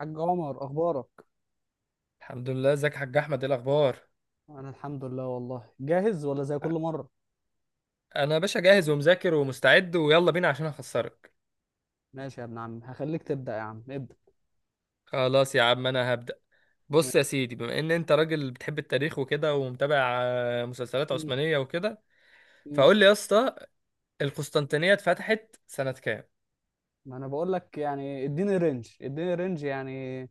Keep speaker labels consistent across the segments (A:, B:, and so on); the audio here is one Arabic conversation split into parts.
A: حاج عمر، اخبارك؟
B: الحمد لله، ازيك يا حاج احمد؟ ايه الاخبار؟
A: انا الحمد لله، والله جاهز ولا زي كل مره؟
B: انا يا باشا جاهز ومذاكر ومستعد، ويلا بينا عشان اخسرك.
A: ماشي يا ابن عم هخليك تبدا. يا عم ابدا.
B: خلاص يا عم انا هبدأ. بص
A: ماشي.
B: يا سيدي، بما ان انت راجل بتحب التاريخ وكده ومتابع مسلسلات
A: مم.
B: عثمانية وكده،
A: مم.
B: فقول لي يا اسطى، القسطنطينية اتفتحت سنة كام؟
A: ما انا بقول لك يعني، اديني رينج، اديني رينج يعني.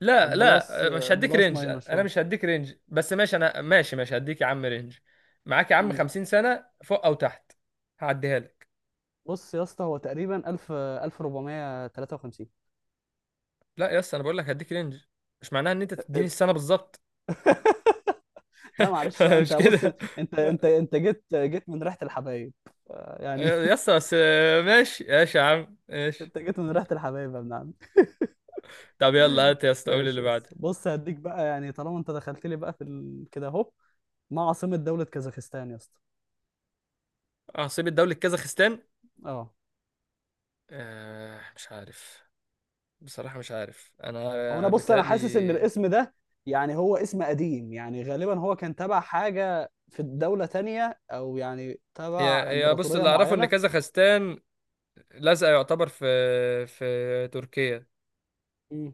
B: لا
A: بلس.
B: لا آه، مش هديك
A: بلس
B: رينج،
A: ماينس
B: انا
A: شويه.
B: مش هديك رينج، بس ماشي، انا ماشي ماشي، هديك يا عم رينج. معاك يا عم
A: مم.
B: 50 سنة فوق او تحت. هعديها لك.
A: بص يا اسطى، هو تقريبا 1000 1453.
B: لا يا اسطى، انا بقول لك هديك رينج، مش معناها ان انت تديني السنة بالظبط.
A: لا معلش بقى، انت
B: مش
A: بص.
B: كده؟
A: انت انت انت جيت من ريحه الحبايب. آه، يعني
B: يا اسطى بس ماشي ماشي، يا عم ماشي.
A: انت جيت من ريحه الحبايب يا ابن عم.
B: طب يلا هات يا اسطى، قول
A: ماشي
B: اللي
A: يا اسطى،
B: بعده.
A: بص هديك بقى يعني طالما انت دخلت لي بقى في ال... كده اهو. ما عاصمة دولة كازاخستان يا اسطى؟
B: عاصمة دولة كازاخستان؟
A: اه.
B: آه، مش عارف. بصراحة مش عارف،
A: هو انا
B: انا
A: بص انا حاسس ان
B: بيتهيألي،
A: الاسم ده، يعني هو اسم قديم، يعني غالبا هو كان تبع حاجة في الدولة تانية، او يعني
B: هي
A: تبع
B: هي بص،
A: امبراطورية
B: اللي اعرفه ان
A: معينة.
B: كازاخستان لازقة يعتبر في تركيا.
A: مم.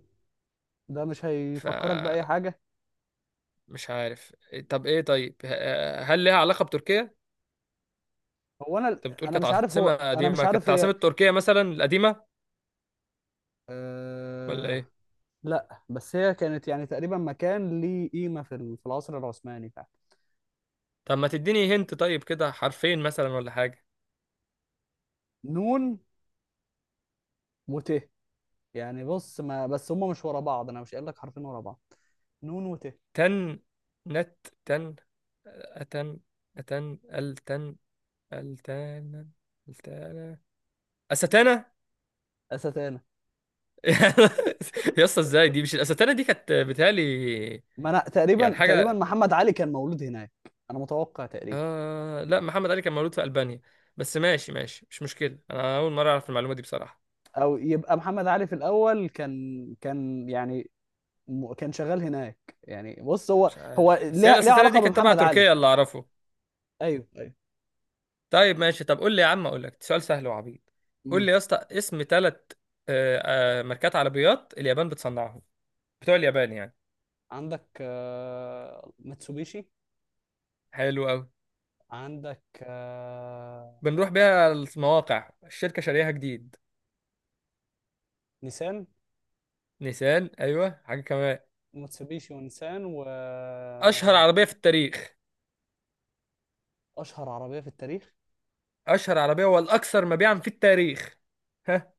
A: ده مش هيفكرك بأي
B: فمش
A: حاجة؟
B: عارف. طب ايه؟ طيب هل ليها علاقة بتركيا؟
A: هو انا
B: انت بتقول
A: انا
B: كانت
A: مش عارف،
B: عاصمة
A: هو انا مش
B: قديمة،
A: عارف
B: كانت عاصمة
A: هي.
B: تركيا مثلا القديمة ولا
A: أه...
B: ايه؟
A: لا بس هي كانت يعني تقريبا مكان ليه قيمة في ال- في العصر العثماني فعلا.
B: طب ما تديني هنت طيب، كده حرفين مثلا ولا حاجة.
A: نون. وت. يعني بص، ما بس هما مش ورا بعض، انا مش قايل لك حرفين ورا بعض. نون وت.
B: تن، نت، تن، أتن، أتن، التن، التان، التانا، أستانا.
A: أستانة.
B: يا اسطى، ازاي؟ دي مش الأستانا؟ دي كانت بتهيألي
A: ما انا
B: يعني
A: تقريبا تقريبا
B: حاجة.
A: محمد علي كان مولود هناك. انا متوقع تقريبا.
B: آه لا، محمد علي كان مولود في ألبانيا. بس ماشي ماشي، مش مشكلة، أنا أول مرة أعرف المعلومة دي بصراحة.
A: او يبقى محمد علي في الاول كان يعني، م- كان شغال هناك. يعني بص هو.
B: مش
A: هو
B: عارف، بس هي
A: ليه
B: الأستانا
A: علاقة
B: دي كانت تبع
A: بمحمد علي.
B: تركيا اللي أعرفه.
A: ايوه ايوه.
B: طيب ماشي. طب قول لي يا عم، أقول لك سؤال سهل وعبيط. قول
A: امم.
B: لي يا اسطى، اسم ثلاث ماركات عربيات اليابان بتصنعهم، بتوع اليابان يعني.
A: عندك آه، ماتسوبيشي.
B: حلو قوي،
A: عندك آه،.
B: بنروح بيها المواقع الشركة شاريها جديد.
A: نيسان.
B: نيسان، ايوه، حاجة كمان،
A: ماتسوبيشي ونيسان و...
B: اشهر عربية في التاريخ،
A: اشهر عربية في التاريخ.
B: اشهر عربية والاكثر مبيعا في التاريخ. ها؟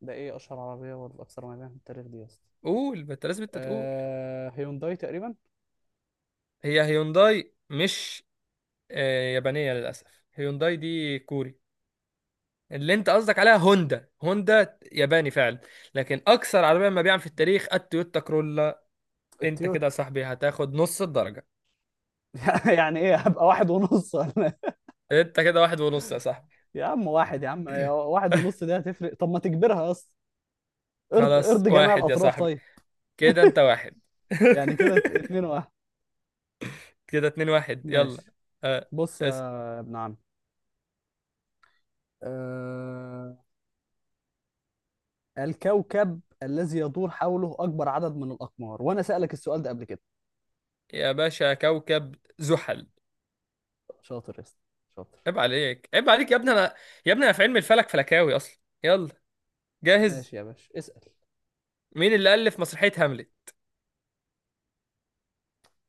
A: ده ايه اشهر عربية والاكثر مبيعا في التاريخ دي يا اسطى؟
B: قول، ما انت لازم انت تقول.
A: آه، هيونداي تقريبا.
B: هي هيونداي؟ مش آه، يابانية للاسف. هيونداي دي كوري. اللي انت قصدك عليها هوندا، هوندا ياباني فعلا، لكن اكثر عربية مبيعا في التاريخ التويوتا كرولا. انت كده يا
A: التويوتا.
B: صاحبي هتاخد نص الدرجة.
A: يعني ايه، هبقى واحد ونص ولا؟
B: انت كده واحد ونص يا صاحبي.
A: يا عم واحد، يا عم يا واحد ونص دي هتفرق، طب ما تجبرها اصلا. ارض
B: خلاص،
A: ارض جميع
B: واحد يا
A: الاطراف
B: صاحبي.
A: طيب.
B: كده انت واحد.
A: يعني كده ات- اتنين واحد.
B: كده اتنين واحد، يلا.
A: ماشي.
B: آه.
A: بص
B: اس.
A: يا ابن عم. أه... الكوكب الذي يدور حوله اكبر عدد من الاقمار، وانا سألك السؤال ده قبل كده.
B: يا باشا، كوكب زحل.
A: شاطر يا اسطى، شاطر.
B: عيب عليك، عيب عليك يا ابني. انا يا ابني انا في علم الفلك فلكاوي اصلا، يلا جاهز.
A: ماشي يا باشا اسأل.
B: مين اللي الف مسرحية هاملت،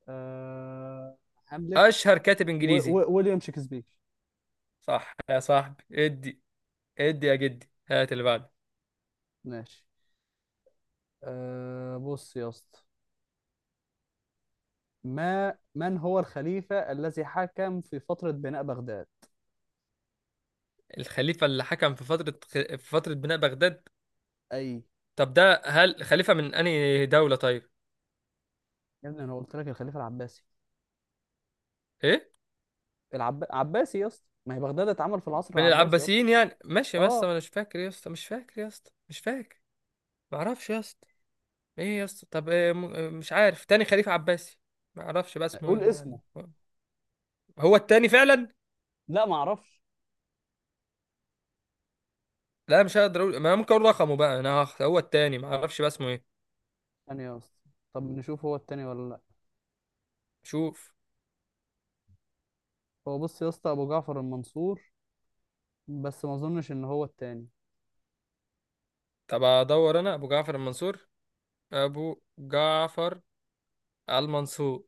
A: أه... هاملت.
B: اشهر كاتب انجليزي؟
A: ويليام شكسبير.
B: صح يا صاحبي، ادي. ادي يا جدي، هات اللي بعده.
A: ماشي. أه... بص يا اسطى. ما من هو الخليفة الذي حكم في فترة بناء بغداد؟
B: الخليفة اللي حكم في فترة بناء بغداد؟
A: أي.
B: طب ده هل خليفة من انهي دولة طيب؟
A: يا ابني أنا قلت لك الخليفة العباسي.
B: ايه؟
A: عباسي يا اسطى، ما هي بغداد اتعمل في العصر
B: من
A: العباسي أصلا.
B: العباسيين يعني؟ ماشي يا اسطى،
A: أه.
B: ما انا مش فاكر يا اسطى، مش فاكر يا اسطى، مش فاكر. معرفش يا اسطى. ايه يا اسطى؟ طب إيه إيه؟ مش عارف تاني خليفة عباسي. معرفش بقى اسمه ايه
A: قول اسمه.
B: يعني. هو التاني فعلا.
A: لا ما أعرفش.
B: لا، مش هقدر اقول. ما أنا ممكن اقول رقمه بقى، انا هو التاني، معرفش بقى اسمه ايه.
A: ثانية يا اسطى، طب نشوف هو التاني ولا لا.
B: شوف.
A: هو بص يا اسطى، أبو جعفر المنصور، بس ما أظنش إن هو التاني.
B: طب ادور انا، ابو جعفر المنصور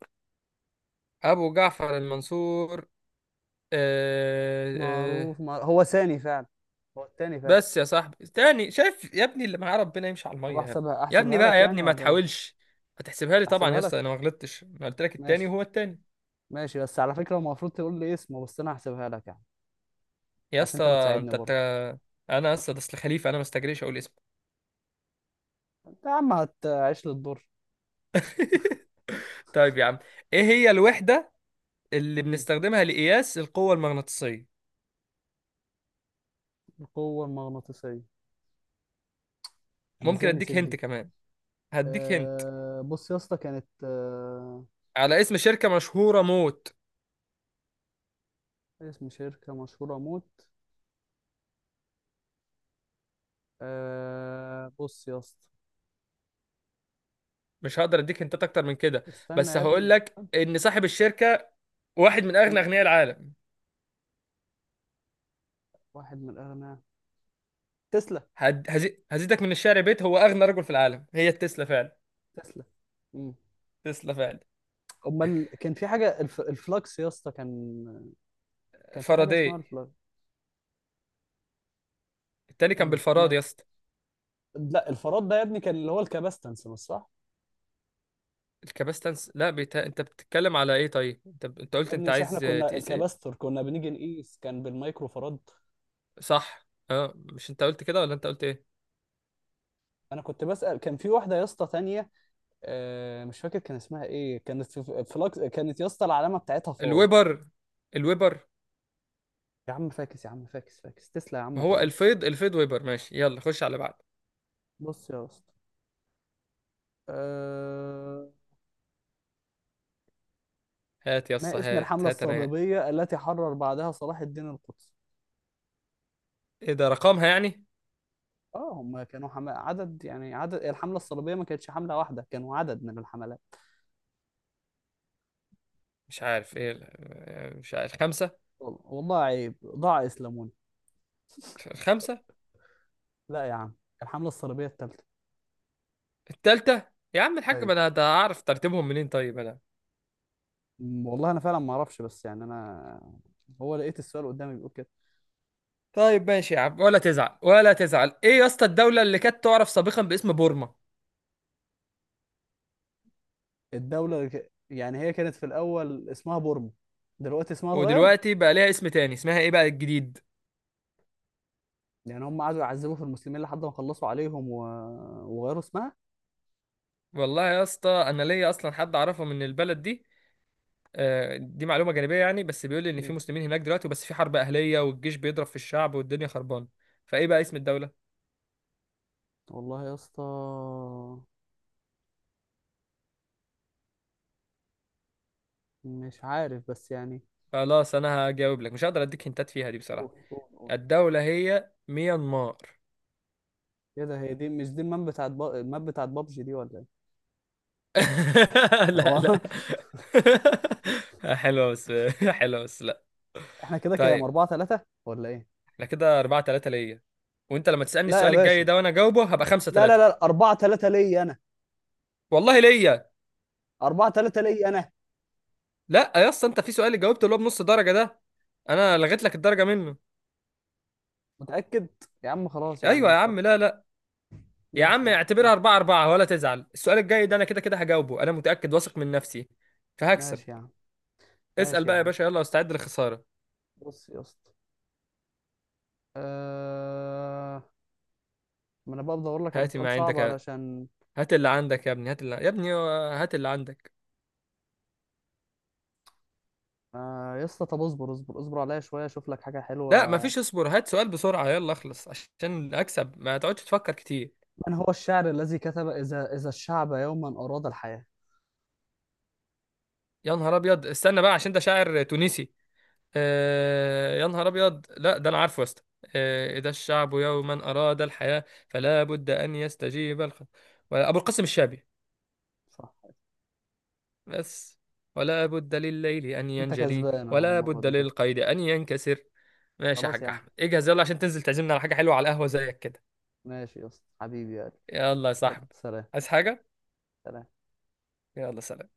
B: ابو جعفر المنصور. آه. آه.
A: هو ثاني فعلا. هو التاني فعلا.
B: بس يا صاحبي، تاني؟ شايف يا ابني؟ اللي معاه ربنا يمشي على
A: طب
B: المية.
A: أحسبها
B: يا ابني، يا ابني
A: أحسبها
B: بقى
A: لك
B: يا ابني،
A: يعني
B: ما
A: ولا إيه؟
B: تحاولش. هتحسبها لي طبعا يا
A: أحسبها
B: اسطى، انا
A: لك.
B: ما غلطتش، انا قلت لك التاني
A: ماشي.
B: وهو التاني.
A: ماشي، بس على فكرة المفروض تقول لي اسمه، بس أنا هحسبها لك يعني،
B: يا
A: عشان
B: اسطى،
A: أنت بتساعدني
B: انت
A: برضه.
B: انا اسطى ده، اصل خليفه انا ما استجريش اقول اسمه.
A: انت يا عم هتعيش للدور.
B: طيب يا عم، ايه هي الوحده اللي
A: مم.
B: بنستخدمها لقياس القوه المغناطيسيه؟
A: القوة المغناطيسية، انا
B: ممكن
A: ازاي
B: اديك
A: نسيت
B: هنت
A: دي.
B: كمان، هديك هنت،
A: أه بص يا اسطى، كانت أه،
B: على اسم شركه مشهوره موت.
A: اسم شركة مشهورة موت. أه بص يا اسطى.
B: مش هقدر اديك هنتات اكتر من كده،
A: استنى
B: بس
A: يا
B: هقول
A: ابني.
B: لك ان صاحب الشركه واحد من اغنى
A: مم.
B: اغنياء العالم.
A: واحد من الأغنياء. تسلا.
B: هزيدك من الشعر بيت، هو اغنى رجل في العالم. هي التسلا فعلا،
A: تسلا. مم.
B: تسلا فعلا.
A: امال كان في حاجة الفلكس يا اسطى كان، كان في حاجة اسمها
B: فاراداي؟
A: الفلكس.
B: التاني كان
A: مم.
B: بالفراد
A: ما...
B: يا اسطى.
A: لا، الفراد ده يا ابني كان اللي هو الكباستنس مش صح.
B: الكباستنس؟ لا، انت بتتكلم على ايه طيب؟ انت انت
A: يا
B: قلت
A: ابني،
B: انت
A: مش احنا
B: عايز
A: كنا
B: تقيس ايه؟
A: الكباستور كنا بنيجي نقيس كان بالمايكرو فراد.
B: صح، اه، مش انت قلت كده ولا انت قلت ايه؟
A: انا كنت بسأل، كان في واحده يا اسطى تانية آه، مش فاكر كان اسمها ايه، كانت في فلاكس، كانت يا اسطى العلامه بتاعتها فاي.
B: الويبر، الويبر.
A: يا عم فاكس يا عم، فاكس فاكس تسلا، يا
B: ما
A: عم
B: هو
A: خلاص.
B: الفيض، الفيض ويبر. ماشي، يلا خش على بعض.
A: بص يا اسطى. أه...
B: هات يسا،
A: ما اسم
B: هات
A: الحمله
B: هات انا.
A: الصليبيه التي حرر بعدها صلاح الدين القدسي؟
B: ايه ده؟ رقمها يعني؟
A: اه هم كانوا عدد، يعني عدد الحمله الصليبيه ما كانتش حمله واحده، كانوا عدد من الحملات.
B: مش عارف، ايه مش عارف. خمسة؟
A: والله عيب، ضاع اسلاموني.
B: الخمسة؟
A: لا يا عم، الحمله الصليبيه الثالثه.
B: التالتة؟ يا عم الحاج،
A: طيب
B: ما انا ده اعرف ترتيبهم منين طيب انا؟
A: والله انا فعلا ما اعرفش، بس يعني انا، هو لقيت السؤال قدامي بيقول كده.
B: طيب ماشي يا عم، ولا تزعل، ولا تزعل. ايه يا اسطى الدولة اللي كانت تعرف سابقا باسم بورما،
A: الدولة اللي ك- يعني هي كانت في الأول اسمها بورما، دلوقتي اسمها اتغير.
B: ودلوقتي بقى ليها اسم تاني، اسمها ايه بقى الجديد؟
A: يعني هم قعدوا يعذبوا في المسلمين لحد ما خلصوا عليهم و... وغيروا اسمها.
B: والله يا اسطى، انا ليا اصلا حد اعرفه من البلد دي. دي معلومه جانبيه يعني، بس بيقول لي ان في
A: مم.
B: مسلمين هناك دلوقتي، وبس في حرب اهليه والجيش بيضرب في الشعب والدنيا خربانه. فايه بقى اسم الدوله؟
A: والله يا اسطى، مش عارف بس يعني.
B: خلاص انا هجاوب لك، مش هقدر اديك هنتات فيها دي
A: قول
B: بصراحه.
A: قول قول.
B: الدوله هي ميانمار.
A: ايه ده، هي دي مش دي الماب بتاعت الماب بتاعت بابجي دي ولا ايه؟
B: لا
A: هو.
B: لا. حلوه بس، حلوه بس، لا.
A: احنا كده كام
B: طيب
A: 4-3 ولا ايه؟
B: احنا كده 4-3 ليا، وانت لما تسالني
A: لا يا
B: السؤال الجاي
A: باشا.
B: ده وانا جاوبه هبقى 5
A: لا لا
B: 3
A: لا، 4-3 ليا انا.
B: والله ليا.
A: 4-3 ليا انا.
B: لا يا اسطى، انت في سؤال اللي جاوبته اللي هو بنص درجه ده، انا لغيت لك الدرجه منه.
A: متأكد؟ يا عم خلاص يا عم،
B: ايوه يا
A: مش
B: عم،
A: فارقة.
B: لا لا. يا
A: ماشي
B: عم
A: يا عم
B: اعتبرها
A: ماشي.
B: 4-4 ولا تزعل، السؤال الجاي ده انا كده كده هجاوبه، انا متاكد واثق من نفسي فهكسب.
A: ماشي يا عم
B: اسال
A: ماشي. يا
B: بقى يا
A: عم
B: باشا، يلا استعد للخساره.
A: بص يا اسطى. أه... ما انا بقى بدور لك على
B: هات
A: سؤال
B: ما
A: صعب
B: عندك يا-،
A: علشان.
B: هات اللي عندك يا ابني، هات اللي يا ابني، هات اللي عندك.
A: آه يا اسطى، طب اصبر اصبر اصبر عليا شويه اشوف لك حاجه
B: لا
A: حلوه.
B: مفيش اصبر، هات سؤال بسرعه، يلا اخلص عشان اكسب، ما تقعدش تفكر كتير.
A: من هو الشاعر الذي كتب اذا الشعب يوما اراد الحياه؟
B: يا نهار ابيض، استنى بقى، عشان ده شاعر تونسي. آه يا نهار ابيض، لا ده انا عارفه يا اسطى. آه، اذا الشعب يوما اراد الحياه فلا بد ان يستجيب الخ... ولا-، ابو القاسم الشابي.
A: صح.
B: بس، ولا بد لليل ان
A: انت
B: ينجلي
A: كسبان اهو
B: ولا
A: المره
B: بد
A: دي كده.
B: للقيد ان ينكسر. ماشي يا
A: خلاص يا
B: حاج
A: عم،
B: احمد، اجهز يلا عشان تنزل تعزمنا على حاجه حلوه، على القهوه زيك كده.
A: ماشي يا اسطى حبيبي يا قلبي.
B: يلا يا
A: يلا
B: صاحبي.
A: سلام.
B: عايز حاجه؟
A: سلام.
B: يلا سلام.